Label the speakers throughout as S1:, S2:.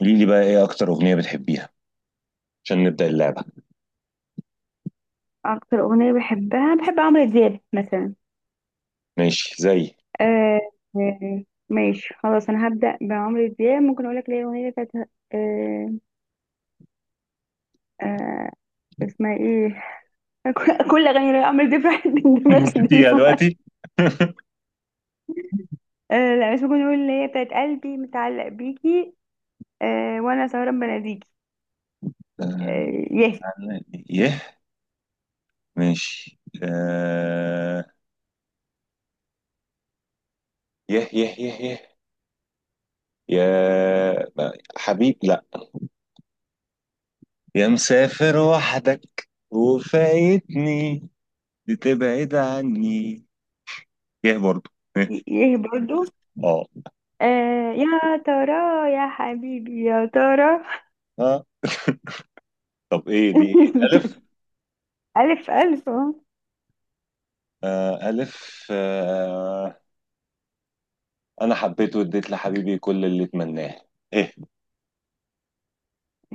S1: قولي لي بقى ايه اكتر اغنية بتحبيها عشان نبدأ اللعبة.
S2: اكتر اغنيه بحبها، بحب عمرو دياب مثلا.
S1: ماشي. زي
S2: آه ماشي خلاص، انا هبدا بعمرو دياب. ممكن اقول لك ليه اغنيه بتاعت آه آه اسمها ايه؟ كل اغاني عمرو دياب راحت من دماغي
S1: يا
S2: دلوقتي.
S1: دلوقتي؟
S2: آه لا، مش ممكن، اقول اللي هي بتاعت قلبي متعلق بيكي. آه وانا سهران بناديكي.
S1: آه،
S2: آه. يه.
S1: يه. ماشي آه، يه يه يه يه، يا حبيب لا، يا مسافر وحدك وفايتني بتبعد عني. يه برضو. يه.
S2: يه برضو.
S1: اه
S2: آه، يا ترى، يا حبيبي يا ترى.
S1: اه. طب ايه دي؟ ايه الف؟
S2: الف، الف اهو.
S1: آه الف آه، انا حبيت واديت لحبيبي كل اللي اتمناه. ايه؟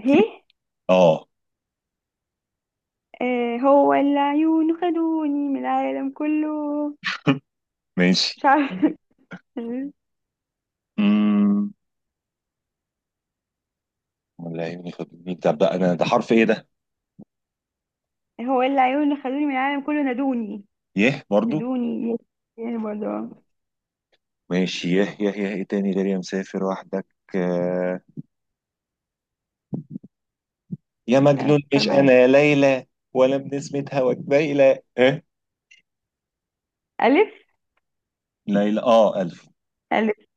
S2: هي.
S1: اه.
S2: آه، هو العيون خدوني من العالم كله.
S1: ماشي.
S2: مش عارفة.
S1: امم ولا يهمني خدمني ده بقى، انا ده حرف ايه ده؟
S2: هو العيون خدوني من العالم كله، نادوني.
S1: يه برضو.
S2: نادوني. يعني برضه.
S1: ماشي يه يه يه. ايه تاني غير يا مسافر وحدك؟ آه، يا مجنون
S2: أفكر
S1: مش انا
S2: معاك.
S1: ليلى، ولا بنسمة هواك بايلة ايه.
S2: ألف.
S1: ليلى اه الف.
S2: ألف.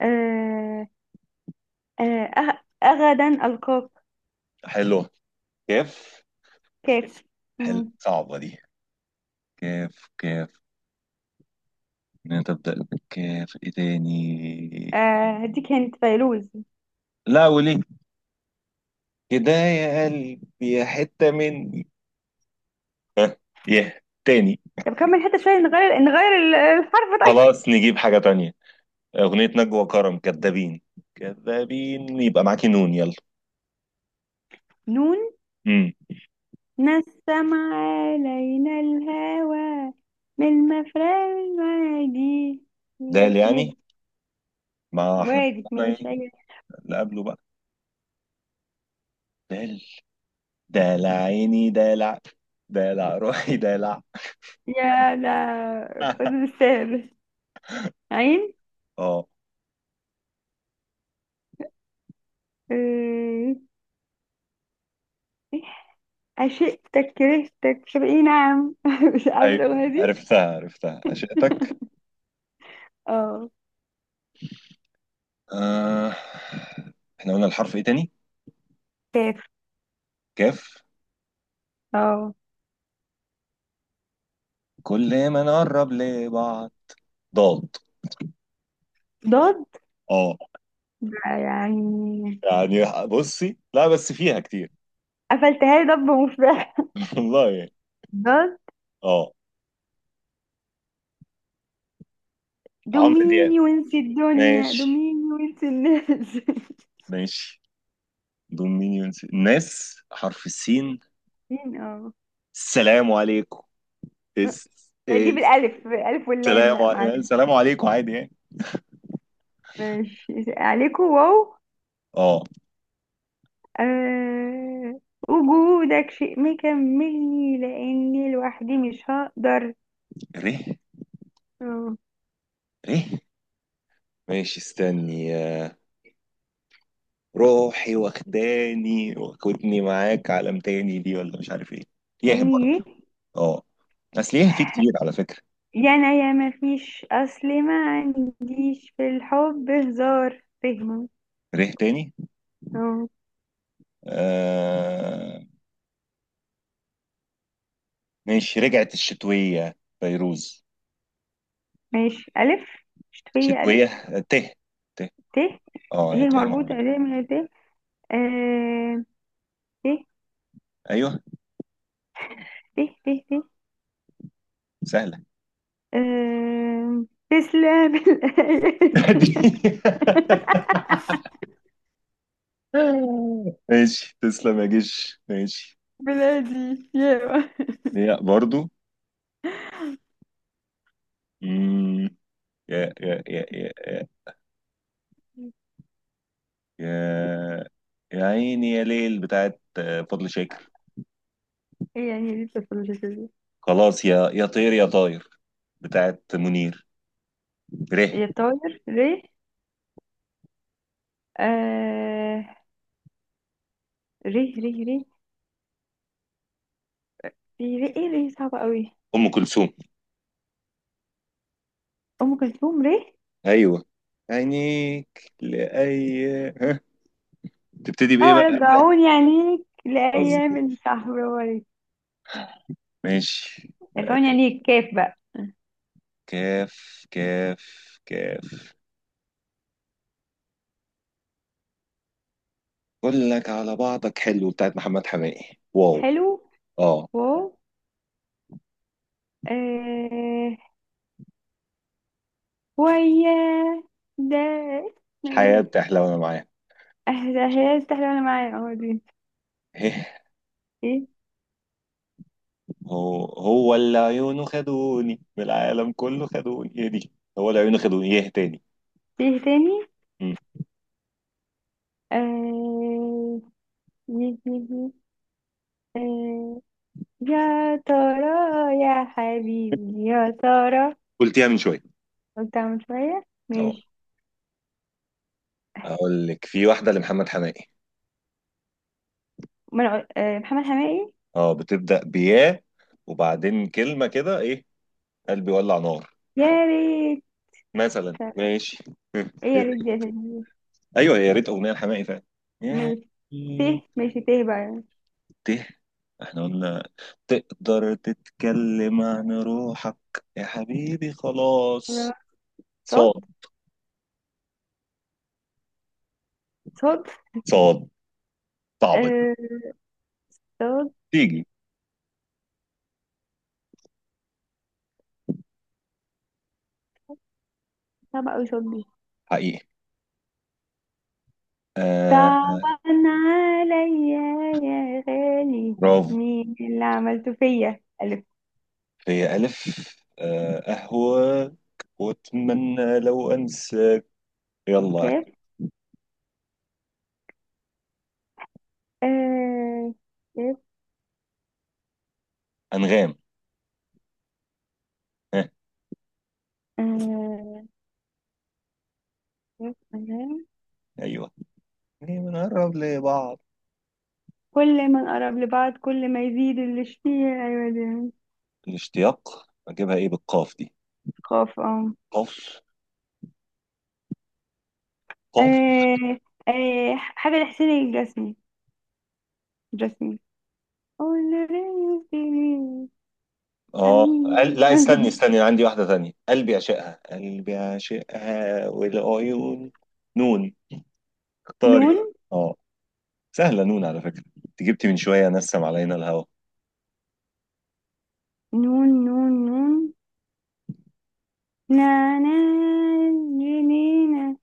S2: آه، أغدا ألقاك.
S1: حلوه. كيف؟
S2: كاف.
S1: حلو،
S2: مم.
S1: صعبه دي. كيف كيف. نبدأ بالكاف. ايه تاني؟
S2: آه، هديك هنت، فيروز.
S1: لا وليه؟ كده يا قلبي يا حتة مني. ها، يه تاني؟
S2: طب كمل حتى شوية. نغير الحرف طيب.
S1: خلاص نجيب حاجة تانية. أغنية نجوى كرم كدابين. كدابين يبقى معاكي نون. يلا.
S2: نون.
S1: امم.
S2: نسم علينا الهوى من مفرق المعادي.
S1: دال يعني؟
S2: يه.
S1: ما احنا
S2: وارد ماشي،
S1: ايه؟
S2: أيوة.
S1: اللي قبله بقى. دال. دلع عيني دلع، دلع روحي دلع.
S2: يا لا خذ بالسهل. عين.
S1: اه.
S2: آه، عشقتك كرهتك مش عارفة ايه، نعم، مش عارفة
S1: ايوه
S2: الأغنية دي.
S1: عرفتها عرفتها عشقتك.
S2: اه.
S1: آه. احنا قلنا الحرف ايه تاني؟
S2: كاف.
S1: كاف.
S2: اه.
S1: كل ما نقرب لبعض. ضاد.
S2: ضاد.
S1: اه
S2: يعني
S1: يعني بصي، لا بس فيها كتير.
S2: قفلتها لي، ضب مفرح.
S1: والله يعني.
S2: ضاد.
S1: اه. عمرو دياب.
S2: دوميني وانسي الدنيا،
S1: ماشي
S2: دوميني وانسي الناس.
S1: ماشي. دول مين ينسي ناس؟ حرف السين،
S2: مين. اه
S1: السلام عليكم. اس
S2: لا، دي
S1: اس.
S2: بالألف، بالألف واللام،
S1: سلام
S2: لا معلش.
S1: سلام عليكم، عادي يعني.
S2: ماشي، عليكم، واو.
S1: اه.
S2: أه. وجودك شيء ما يكملني، لأني لوحدي مش هقدر.
S1: ره
S2: اه.
S1: ره. ماشي استني آه، روحي واخداني وكنتني معاك عالم تاني، دي ولا مش عارف ايه. ياه
S2: تاني
S1: برضه.
S2: ايه؟
S1: اه، اصل ياه في كتير على فكرة.
S2: يا أنا يا ما فيش، أصل ما عنديش في الحب هزار فهمه.
S1: ره تاني.
S2: اه.
S1: آه. ماشي رجعت الشتوية فيروز،
S2: ماشي، ألف. شتوية، ألف.
S1: شتوية ته. ته
S2: ت.
S1: اه.
S2: ه
S1: ته
S2: مربوطة
S1: موجود.
S2: ل من ت. آه، ت
S1: ايوه
S2: ت ت. ت.
S1: سهلة.
S2: آه، تسلم الأيادي.
S1: ماشي تسلم يا جيش ماشي.
S2: بلادي يا.
S1: هي برضو. مم، يا يا يا يا يا، يا يا عيني يا ليل بتاعت آه، فضل شاكر.
S2: إيه يعني؟ لسه مش كده.
S1: خلاص يا يا طير يا طاير بتاعت منير. ره.
S2: يا طاير، ري. آه. ري ري ري. في ري ايه؟ ري صعبة قوي.
S1: ام كلثوم.
S2: ام كلثوم. ري.
S1: ايوه عينيك لاي. ها، تبتدي بايه
S2: اه،
S1: بقى قبلك؟
S2: رجعوني عليك لايام
S1: مظبوط.
S2: الشهر. برافو عليك.
S1: ماشي
S2: رجعوني
S1: لأي.
S2: عليك. كيف بقى.
S1: كاف كاف كاف. اقول لك على بعضك حلو بتاعت محمد حماقي. واو.
S2: حلو.
S1: اه.
S2: واو. آه. ويا. ده اسمه
S1: الحياة
S2: ايه؟
S1: بتحلى وانا معاه.
S2: آه، ده هي استحلى وانا معايا. اه دي. ايه.
S1: هو هو اللي عيونه خدوني من العالم كله خدوني، هي دي. هو اللي عيونه خدوني. ايه تاني؟
S2: ايه تاني؟
S1: مم.
S2: آه. يه. آه، يا ترى، يا حبيبي يا ترى.
S1: قلتيها من شوية.
S2: قلت اعمل شوية.
S1: اه،
S2: ماشي.
S1: اقول لك في واحدة لمحمد حماقي.
S2: من. آه، محمد حماقي.
S1: اه، بتبدأ بياه، وبعدين كلمة كده ايه، قلبي ولع نار
S2: يا ريت.
S1: مثلا. ماشي.
S2: ايه، يا ريت دي يا سيدي؟
S1: ايوه يا ريت اغنية لحماقي فعلا.
S2: ماشي. ته. ماشي ته بقى يعني.
S1: ت. احنا قلنا تقدر تتكلم عن روحك يا حبيبي خلاص.
S2: صوت.
S1: صاد
S2: صوت.
S1: صاد. صعبة دي.
S2: آه. صوت.
S1: تيجي.
S2: صعب اوي صوت دي.
S1: حقيقي آه.
S2: طبعا. عليا يا غالي،
S1: برافو.
S2: مين اللي عملته فيا. ألف.
S1: في ألف. آه أهواك، وأتمنى لو أنسى. يلا.
S2: كاف. آه. كاف.
S1: أنغام. ها.
S2: آه. كاف. آه.
S1: أيوه. ليه بنقرب لبعض؟
S2: كل ما نقرب لبعض، كل ما يزيد الاشتياق، أيوة دي.
S1: الاشتياق، أجيبها إيه بالقاف دي؟
S2: خاف، اه.
S1: قاف قاف.
S2: آه. آه، حاجة لحسين الجسمي. جسمي.
S1: اه لا استني
S2: حبيبي.
S1: أنا عندي واحدة تانية، قلبي عشقها، قلبي عشقها والعيون. نون. اختاري
S2: نون.
S1: بقى. اه، سهلة نون. على فكرة انت جبتي من شوية نسم علينا الهوى.
S2: نون. نون. نون. نعناع. جنينة.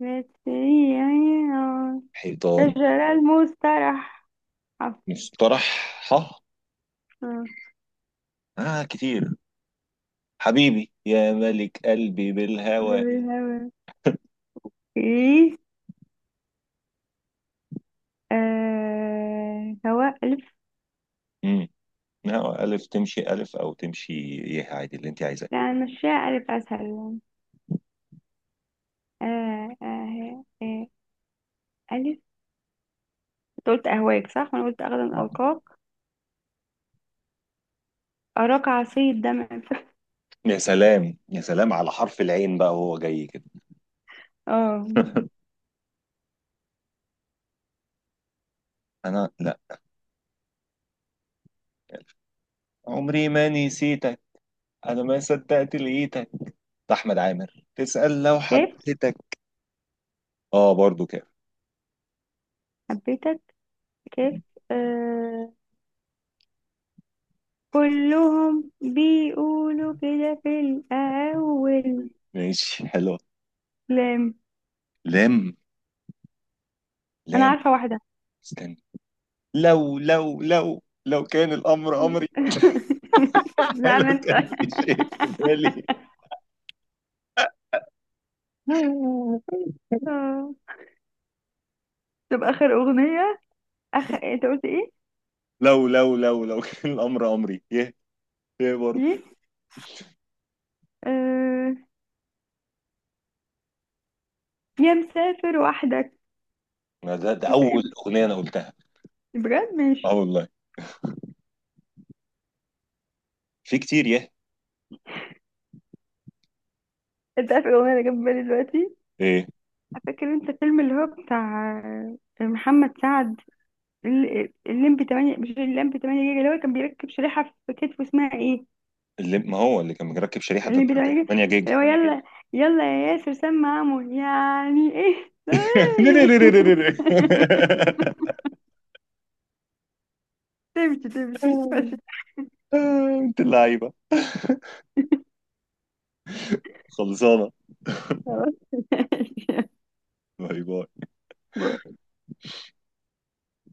S2: بس هي عيون.
S1: حيطان.
S2: شجرة المسترح.
S1: مصطلح. ها،
S2: عفوا.
S1: اه كتير. حبيبي يا ملك قلبي بالهوى.
S2: دور الهوا. ايه؟ آه، هواء، ألف.
S1: امم. هوا ألف، تمشي ألف أو تمشي، إيه عادي اللي أنت عايزاه.
S2: لا مشاء ألف أسهل يعني. آه آه آه ألف. أنت قلت أهواك صح؟ وأنا قلت أغدا
S1: اه.
S2: ألقاك. أراك عصير دمع ف-
S1: يا سلام يا سلام على حرف العين بقى وهو جاي كده.
S2: اه.
S1: أنا لا، عمري ما نسيت، انا ما صدقت لقيتك، ده احمد عامر تسأل لو
S2: كيف،
S1: حبيتك. اه برضو كده.
S2: حبيتك. كيف. آه. كلهم بيقولوا كده في الأول.
S1: ماشي حلو.
S2: لام.
S1: لام
S2: أنا
S1: لام.
S2: عارفة واحدة.
S1: استنى، لو لو لو كان الامر امري.
S2: معنى
S1: لو
S2: أنت.
S1: كان في شيء في بالي،
S2: آه. طب آخر أغنية، أنت قلت إيه؟
S1: لو كان الامر امري. يه، يه برضو.
S2: ليه؟ آه... يا مسافر وحدك
S1: ما ده, ده اول
S2: وسايب.
S1: اغنيه انا قلتها.
S2: بجد،
S1: اه
S2: ماشي.
S1: والله، في كتير يه.
S2: أنت عارف الأغنية اللي جت في بالي دلوقتي؟
S1: ايه
S2: فاكر أنت الفيلم اللي هو بتاع، آه، محمد سعد، الليمبي 8؟ مش الليمبي 8 جيجا اللي هو كان بيركب شريحة في كتفه، اسمها ايه؟
S1: اللي ما هو اللي كان مركب شريحه في
S2: الليمبي 8 جيجا.
S1: 8 جيجا.
S2: اللي هو يلا، يلا يا ياسر سمع عمو يعني ايه. تمشي تمشي.
S1: آه، انت اللعيبه خلصانه.
S2: خلاص.
S1: باي باي.